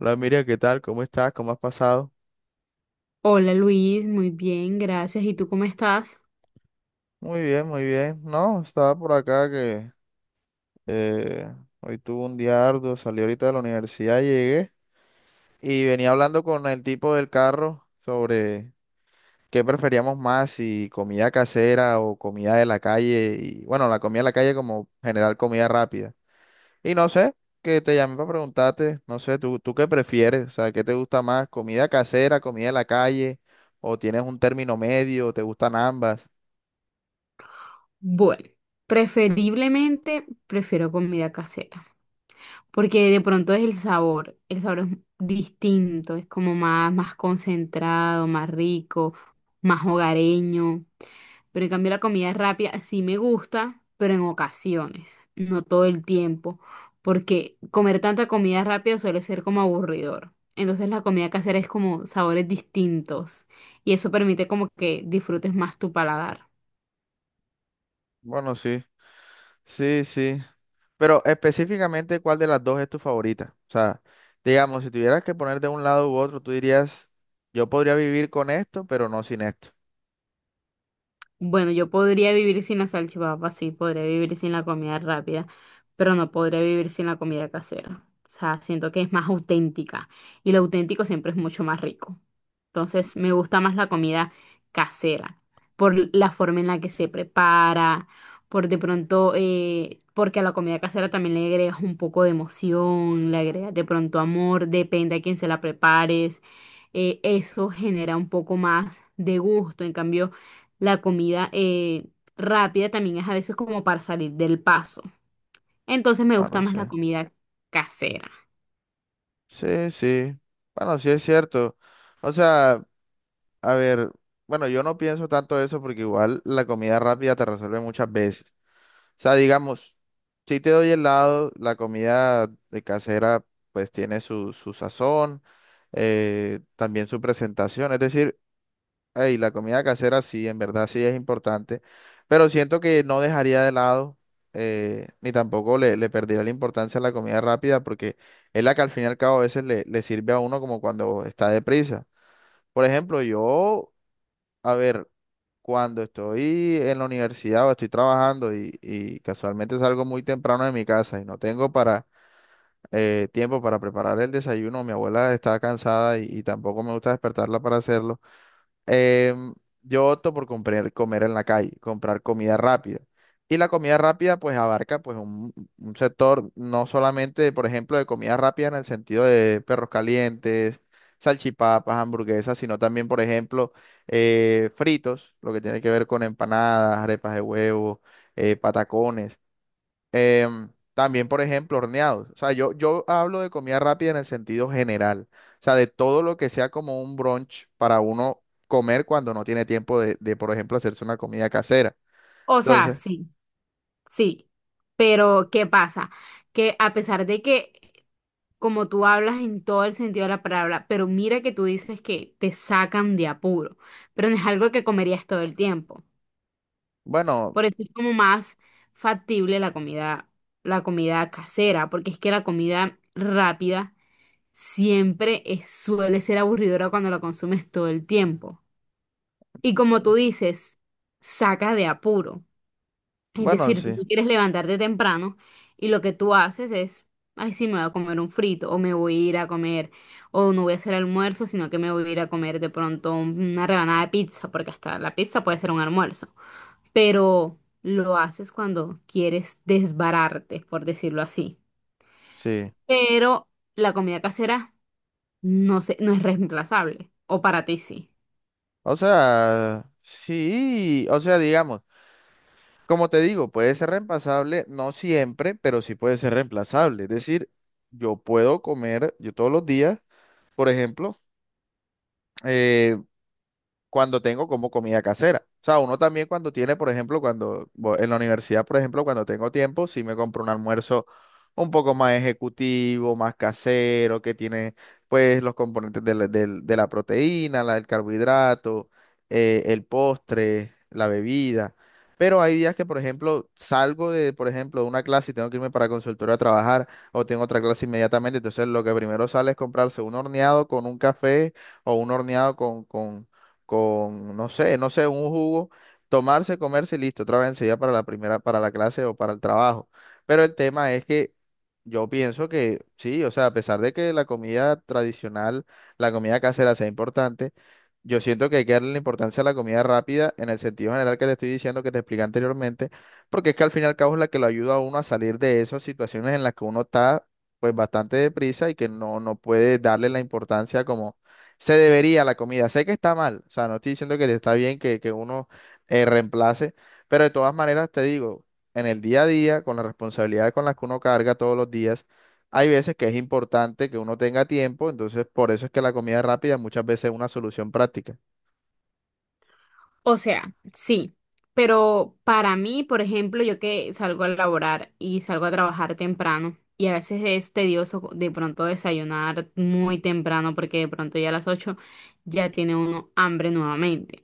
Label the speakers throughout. Speaker 1: Hola Miriam, ¿qué tal? ¿Cómo estás? ¿Cómo has pasado?
Speaker 2: Hola Luis, muy bien, gracias. ¿Y tú cómo estás?
Speaker 1: Muy bien, muy bien. No, estaba por acá que eh, hoy tuve un día arduo, salí ahorita de la universidad, llegué y venía hablando con el tipo del carro sobre qué preferíamos más, si comida casera o comida de la calle. Y bueno, la comida de la calle como general comida rápida. Y no sé, que te llamé para preguntarte, no sé, ¿tú qué prefieres? O sea, ¿qué te gusta más? ¿Comida casera, comida de la calle? ¿O tienes un término medio? ¿Te gustan ambas?
Speaker 2: Bueno, preferiblemente prefiero comida casera, porque de pronto es el sabor es distinto, es como más concentrado, más rico, más hogareño. Pero en cambio la comida rápida sí me gusta, pero en ocasiones, no todo el tiempo, porque comer tanta comida rápida suele ser como aburridor. Entonces la comida casera es como sabores distintos y eso permite como que disfrutes más tu paladar.
Speaker 1: Bueno, sí, sí, sí. Pero específicamente, ¿cuál de las dos es tu favorita? O sea, digamos, si tuvieras que poner de un lado u otro, tú dirías, yo podría vivir con esto, pero no sin esto.
Speaker 2: Bueno, yo podría vivir sin la salchipapa, sí, podría vivir sin la comida rápida, pero no podría vivir sin la comida casera. O sea, siento que es más auténtica y lo auténtico siempre es mucho más rico. Entonces, me gusta más la comida casera por la forma en la que se prepara, por de pronto, porque a la comida casera también le agregas un poco de emoción, le agregas de pronto amor, depende a quién se la prepares. Eso genera un poco más de gusto, en cambio. La comida rápida también es a veces como para salir del paso. Entonces me gusta
Speaker 1: Bueno,
Speaker 2: más
Speaker 1: sí.
Speaker 2: la comida casera.
Speaker 1: Sí, sí. Bueno, sí es cierto. O sea, a ver, bueno, yo no pienso tanto eso porque igual la comida rápida te resuelve muchas veces. O sea, digamos, si te doy helado, la comida de casera pues tiene su sazón, también su presentación. Es decir, ey, la comida casera sí, en verdad sí es importante, pero siento que no dejaría de lado, ni tampoco le perdería la importancia a la comida rápida, porque es la que al fin y al cabo a veces le sirve a uno como cuando está deprisa. Por ejemplo, yo, a ver, cuando estoy en la universidad o estoy trabajando y casualmente salgo muy temprano de mi casa y no tengo para tiempo para preparar el desayuno, mi abuela está cansada y tampoco me gusta despertarla para hacerlo. Em, yo opto por comprar, comer en la calle, comprar comida rápida. Y la comida rápida pues abarca pues un sector no solamente, por ejemplo, de comida rápida en el sentido de perros calientes, salchipapas, hamburguesas, sino también, por ejemplo, fritos, lo que tiene que ver con empanadas, arepas de huevo, patacones. También, por ejemplo, horneados. O sea, yo hablo de comida rápida en el sentido general. O sea, de todo lo que sea como un brunch para uno comer cuando no tiene tiempo por ejemplo, hacerse una comida casera.
Speaker 2: O sea,
Speaker 1: Entonces,
Speaker 2: sí, sí. Pero ¿qué pasa? Que a pesar de que como tú hablas en todo el sentido de la palabra, pero mira que tú dices que te sacan de apuro, pero no es algo que comerías todo el tiempo.
Speaker 1: bueno,
Speaker 2: Por eso es como más factible la comida casera, porque es que la comida rápida suele ser aburridora cuando la consumes todo el tiempo. Y como tú dices, saca de apuro. Es
Speaker 1: bueno,
Speaker 2: decir, tú
Speaker 1: sí,
Speaker 2: no quieres levantarte temprano y lo que tú haces es, ay, sí, me voy a comer un frito o me voy a ir a comer o no voy a hacer almuerzo, sino que me voy a ir a comer de pronto una rebanada de pizza, porque hasta la pizza puede ser un almuerzo. Pero lo haces cuando quieres desbararte, por decirlo así.
Speaker 1: sí.
Speaker 2: Pero la comida casera no sé, no es reemplazable. O para ti sí.
Speaker 1: O sea, sí, o sea, digamos, como te digo, puede ser reemplazable, no siempre, pero sí puede ser reemplazable. Es decir, yo puedo comer, yo todos los días, por ejemplo, eh, cuando tengo como comida casera. O sea, uno también cuando tiene, por ejemplo, en la universidad, por ejemplo, cuando tengo tiempo, sí me compro un almuerzo un poco más ejecutivo, más casero, que tiene pues los componentes de de la proteína, el carbohidrato, el postre, la bebida. Pero hay días que, por ejemplo, salgo de, por ejemplo, de una clase y tengo que irme para consultorio a trabajar o tengo otra clase inmediatamente. Entonces, lo que primero sale es comprarse un horneado con un café o un horneado no sé, no sé, un jugo, tomarse, comerse y listo, otra vez enseguida para la primera, para la clase o para el trabajo. Pero el tema es que yo pienso que sí, o sea, a pesar de que la comida tradicional, la comida casera sea importante, yo siento que hay que darle la importancia a la comida rápida en el sentido general que te estoy diciendo, que te expliqué anteriormente, porque es que al fin y al cabo es la que lo ayuda a uno a salir de esas situaciones en las que uno está pues bastante deprisa y que no puede darle la importancia como se debería la comida. Sé que está mal, o sea, no estoy diciendo que está bien que uno reemplace, pero de todas maneras te digo, en el día a día, con las responsabilidades con las que uno carga todos los días, hay veces que es importante que uno tenga tiempo, entonces por eso es que la comida rápida muchas veces es una solución práctica.
Speaker 2: O sea, sí. Pero para mí, por ejemplo, yo que salgo a laborar y salgo a trabajar temprano y a veces es tedioso de pronto desayunar muy temprano porque de pronto ya a las 8 ya tiene uno hambre nuevamente.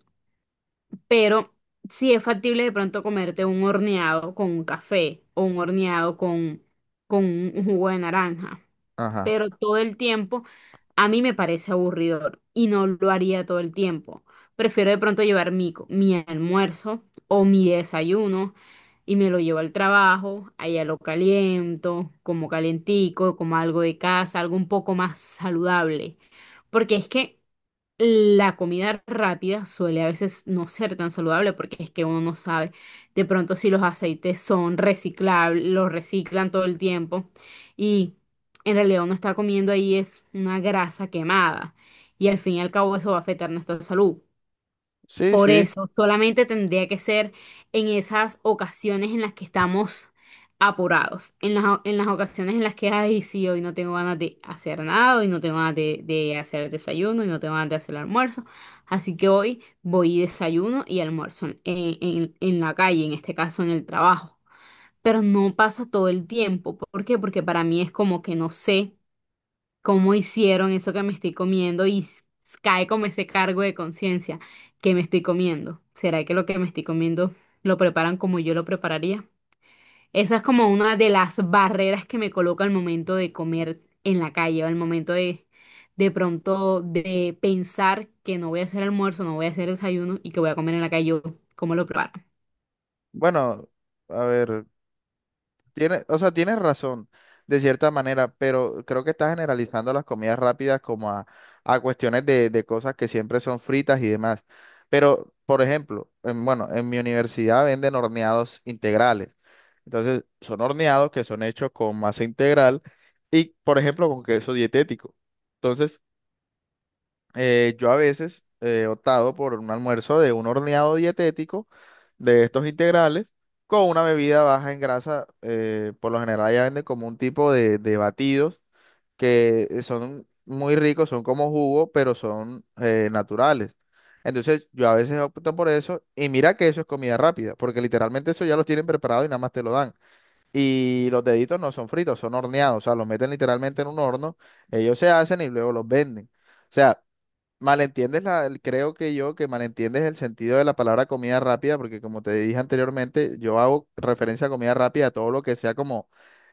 Speaker 2: Pero sí es factible de pronto comerte un horneado con un café o un horneado con un jugo de naranja.
Speaker 1: Ajá.
Speaker 2: Pero todo el tiempo a mí me parece aburridor y no lo haría todo el tiempo. Prefiero de pronto llevar mi almuerzo o mi desayuno y me lo llevo al trabajo, allá lo caliento, como calentico, como algo de casa, algo un poco más saludable. Porque es que la comida rápida suele a veces no ser tan saludable porque es que uno no sabe de pronto si los aceites son reciclables, los reciclan todo el tiempo y en realidad uno está comiendo ahí es una grasa quemada y al fin y al cabo eso va a afectar nuestra salud.
Speaker 1: Sí,
Speaker 2: Por
Speaker 1: sí.
Speaker 2: eso, solamente tendría que ser en esas ocasiones en las que estamos apurados, en las ocasiones en las que, ay, sí, hoy no tengo ganas de hacer nada, hoy no tengo ganas de hacer el desayuno, hoy no tengo ganas de hacer el almuerzo, así que hoy voy y desayuno y almuerzo en la calle, en este caso en el trabajo, pero no pasa todo el tiempo, ¿por qué? Porque para mí es como que no sé cómo hicieron eso que me estoy comiendo cae como ese cargo de conciencia que me estoy comiendo. ¿Será que lo que me estoy comiendo lo preparan como yo lo prepararía? Esa es como una de las barreras que me coloca al momento de comer en la calle o al momento de pronto de pensar que no voy a hacer almuerzo, no voy a hacer desayuno y que voy a comer en la calle, yo, ¿cómo lo preparo?
Speaker 1: Bueno, a ver. Tiene, o sea, tienes razón, de cierta manera, pero creo que estás generalizando las comidas rápidas a cuestiones de cosas que siempre son fritas y demás. Pero, por ejemplo, bueno, en mi universidad venden horneados integrales. Entonces, son horneados que son hechos con masa integral y, por ejemplo, con queso dietético. Entonces, yo a veces he optado por un almuerzo de un horneado dietético de estos integrales con una bebida baja en grasa. Por lo general ya venden como un tipo de batidos que son muy ricos, son como jugo, pero son naturales. Entonces yo a veces opto por eso y mira que eso es comida rápida, porque literalmente eso ya los tienen preparado y nada más te lo dan. Y los deditos no son fritos, son horneados, o sea, los meten literalmente en un horno, ellos se hacen y luego los venden. O sea, malentiendes creo que yo que malentiendes el sentido de la palabra comida rápida, porque como te dije anteriormente, yo hago referencia a comida rápida, a todo lo que sea como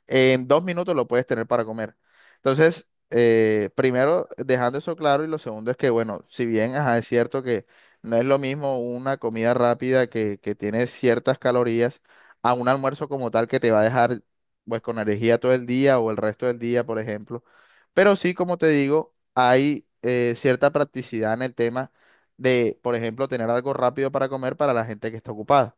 Speaker 1: en 2 minutos lo puedes tener para comer. Entonces, primero, dejando eso claro, y lo segundo es que, bueno, si bien ajá, es cierto que no es lo mismo una comida rápida que tiene ciertas calorías a un almuerzo como tal que te va a dejar pues con energía todo el día o el resto del día, por ejemplo. Pero sí, como te digo, hay cierta practicidad en el tema de, por ejemplo, tener algo rápido para comer para la gente que está ocupada.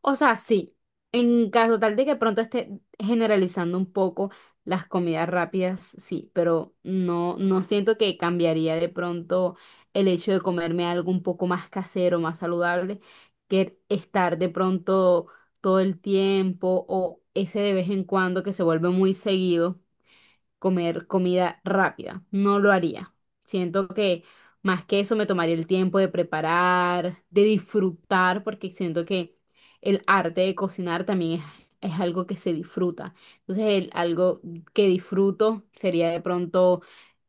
Speaker 2: O sea, sí, en caso tal de que pronto esté generalizando un poco las comidas rápidas, sí, pero no, no siento que cambiaría de pronto el hecho de comerme algo un poco más casero, más saludable, que estar de pronto todo el tiempo o ese de vez en cuando que se vuelve muy seguido comer comida rápida. No lo haría. Siento que más que eso me tomaría el tiempo de preparar, de disfrutar, porque siento que el arte de cocinar también es algo que se disfruta. Entonces, algo que disfruto sería de pronto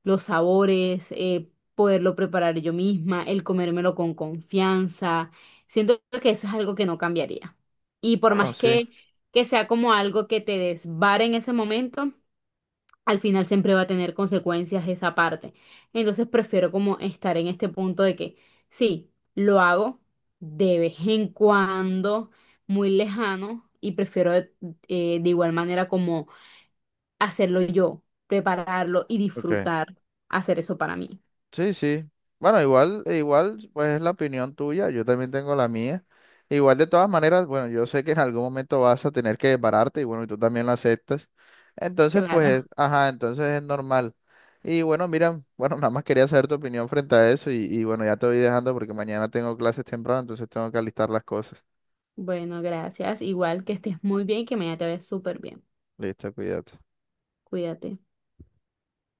Speaker 2: los sabores, poderlo preparar yo misma, el comérmelo con confianza. Siento que eso es algo que no cambiaría. Y por
Speaker 1: Bueno,
Speaker 2: más
Speaker 1: sí,
Speaker 2: que sea como algo que te desvare en ese momento, al final siempre va a tener consecuencias esa parte. Entonces prefiero como estar en este punto de que sí, lo hago de vez en cuando, muy lejano, y prefiero de igual manera como hacerlo yo, prepararlo y
Speaker 1: ok.
Speaker 2: disfrutar hacer eso para mí.
Speaker 1: Sí, sí. Bueno, igual, e igual, pues es la opinión tuya, yo también tengo la mía. Igual de todas maneras, bueno, yo sé que en algún momento vas a tener que desbararte y bueno, y tú también lo aceptas. Entonces, pues,
Speaker 2: Claro.
Speaker 1: ajá, entonces es normal. Y bueno, mira, bueno, nada más quería saber tu opinión frente a eso y bueno, ya te voy dejando porque mañana tengo clases temprano, entonces tengo que alistar las cosas.
Speaker 2: Bueno, gracias. Igual que estés muy bien y que mañana te vayas súper bien.
Speaker 1: Listo, cuídate.
Speaker 2: Cuídate.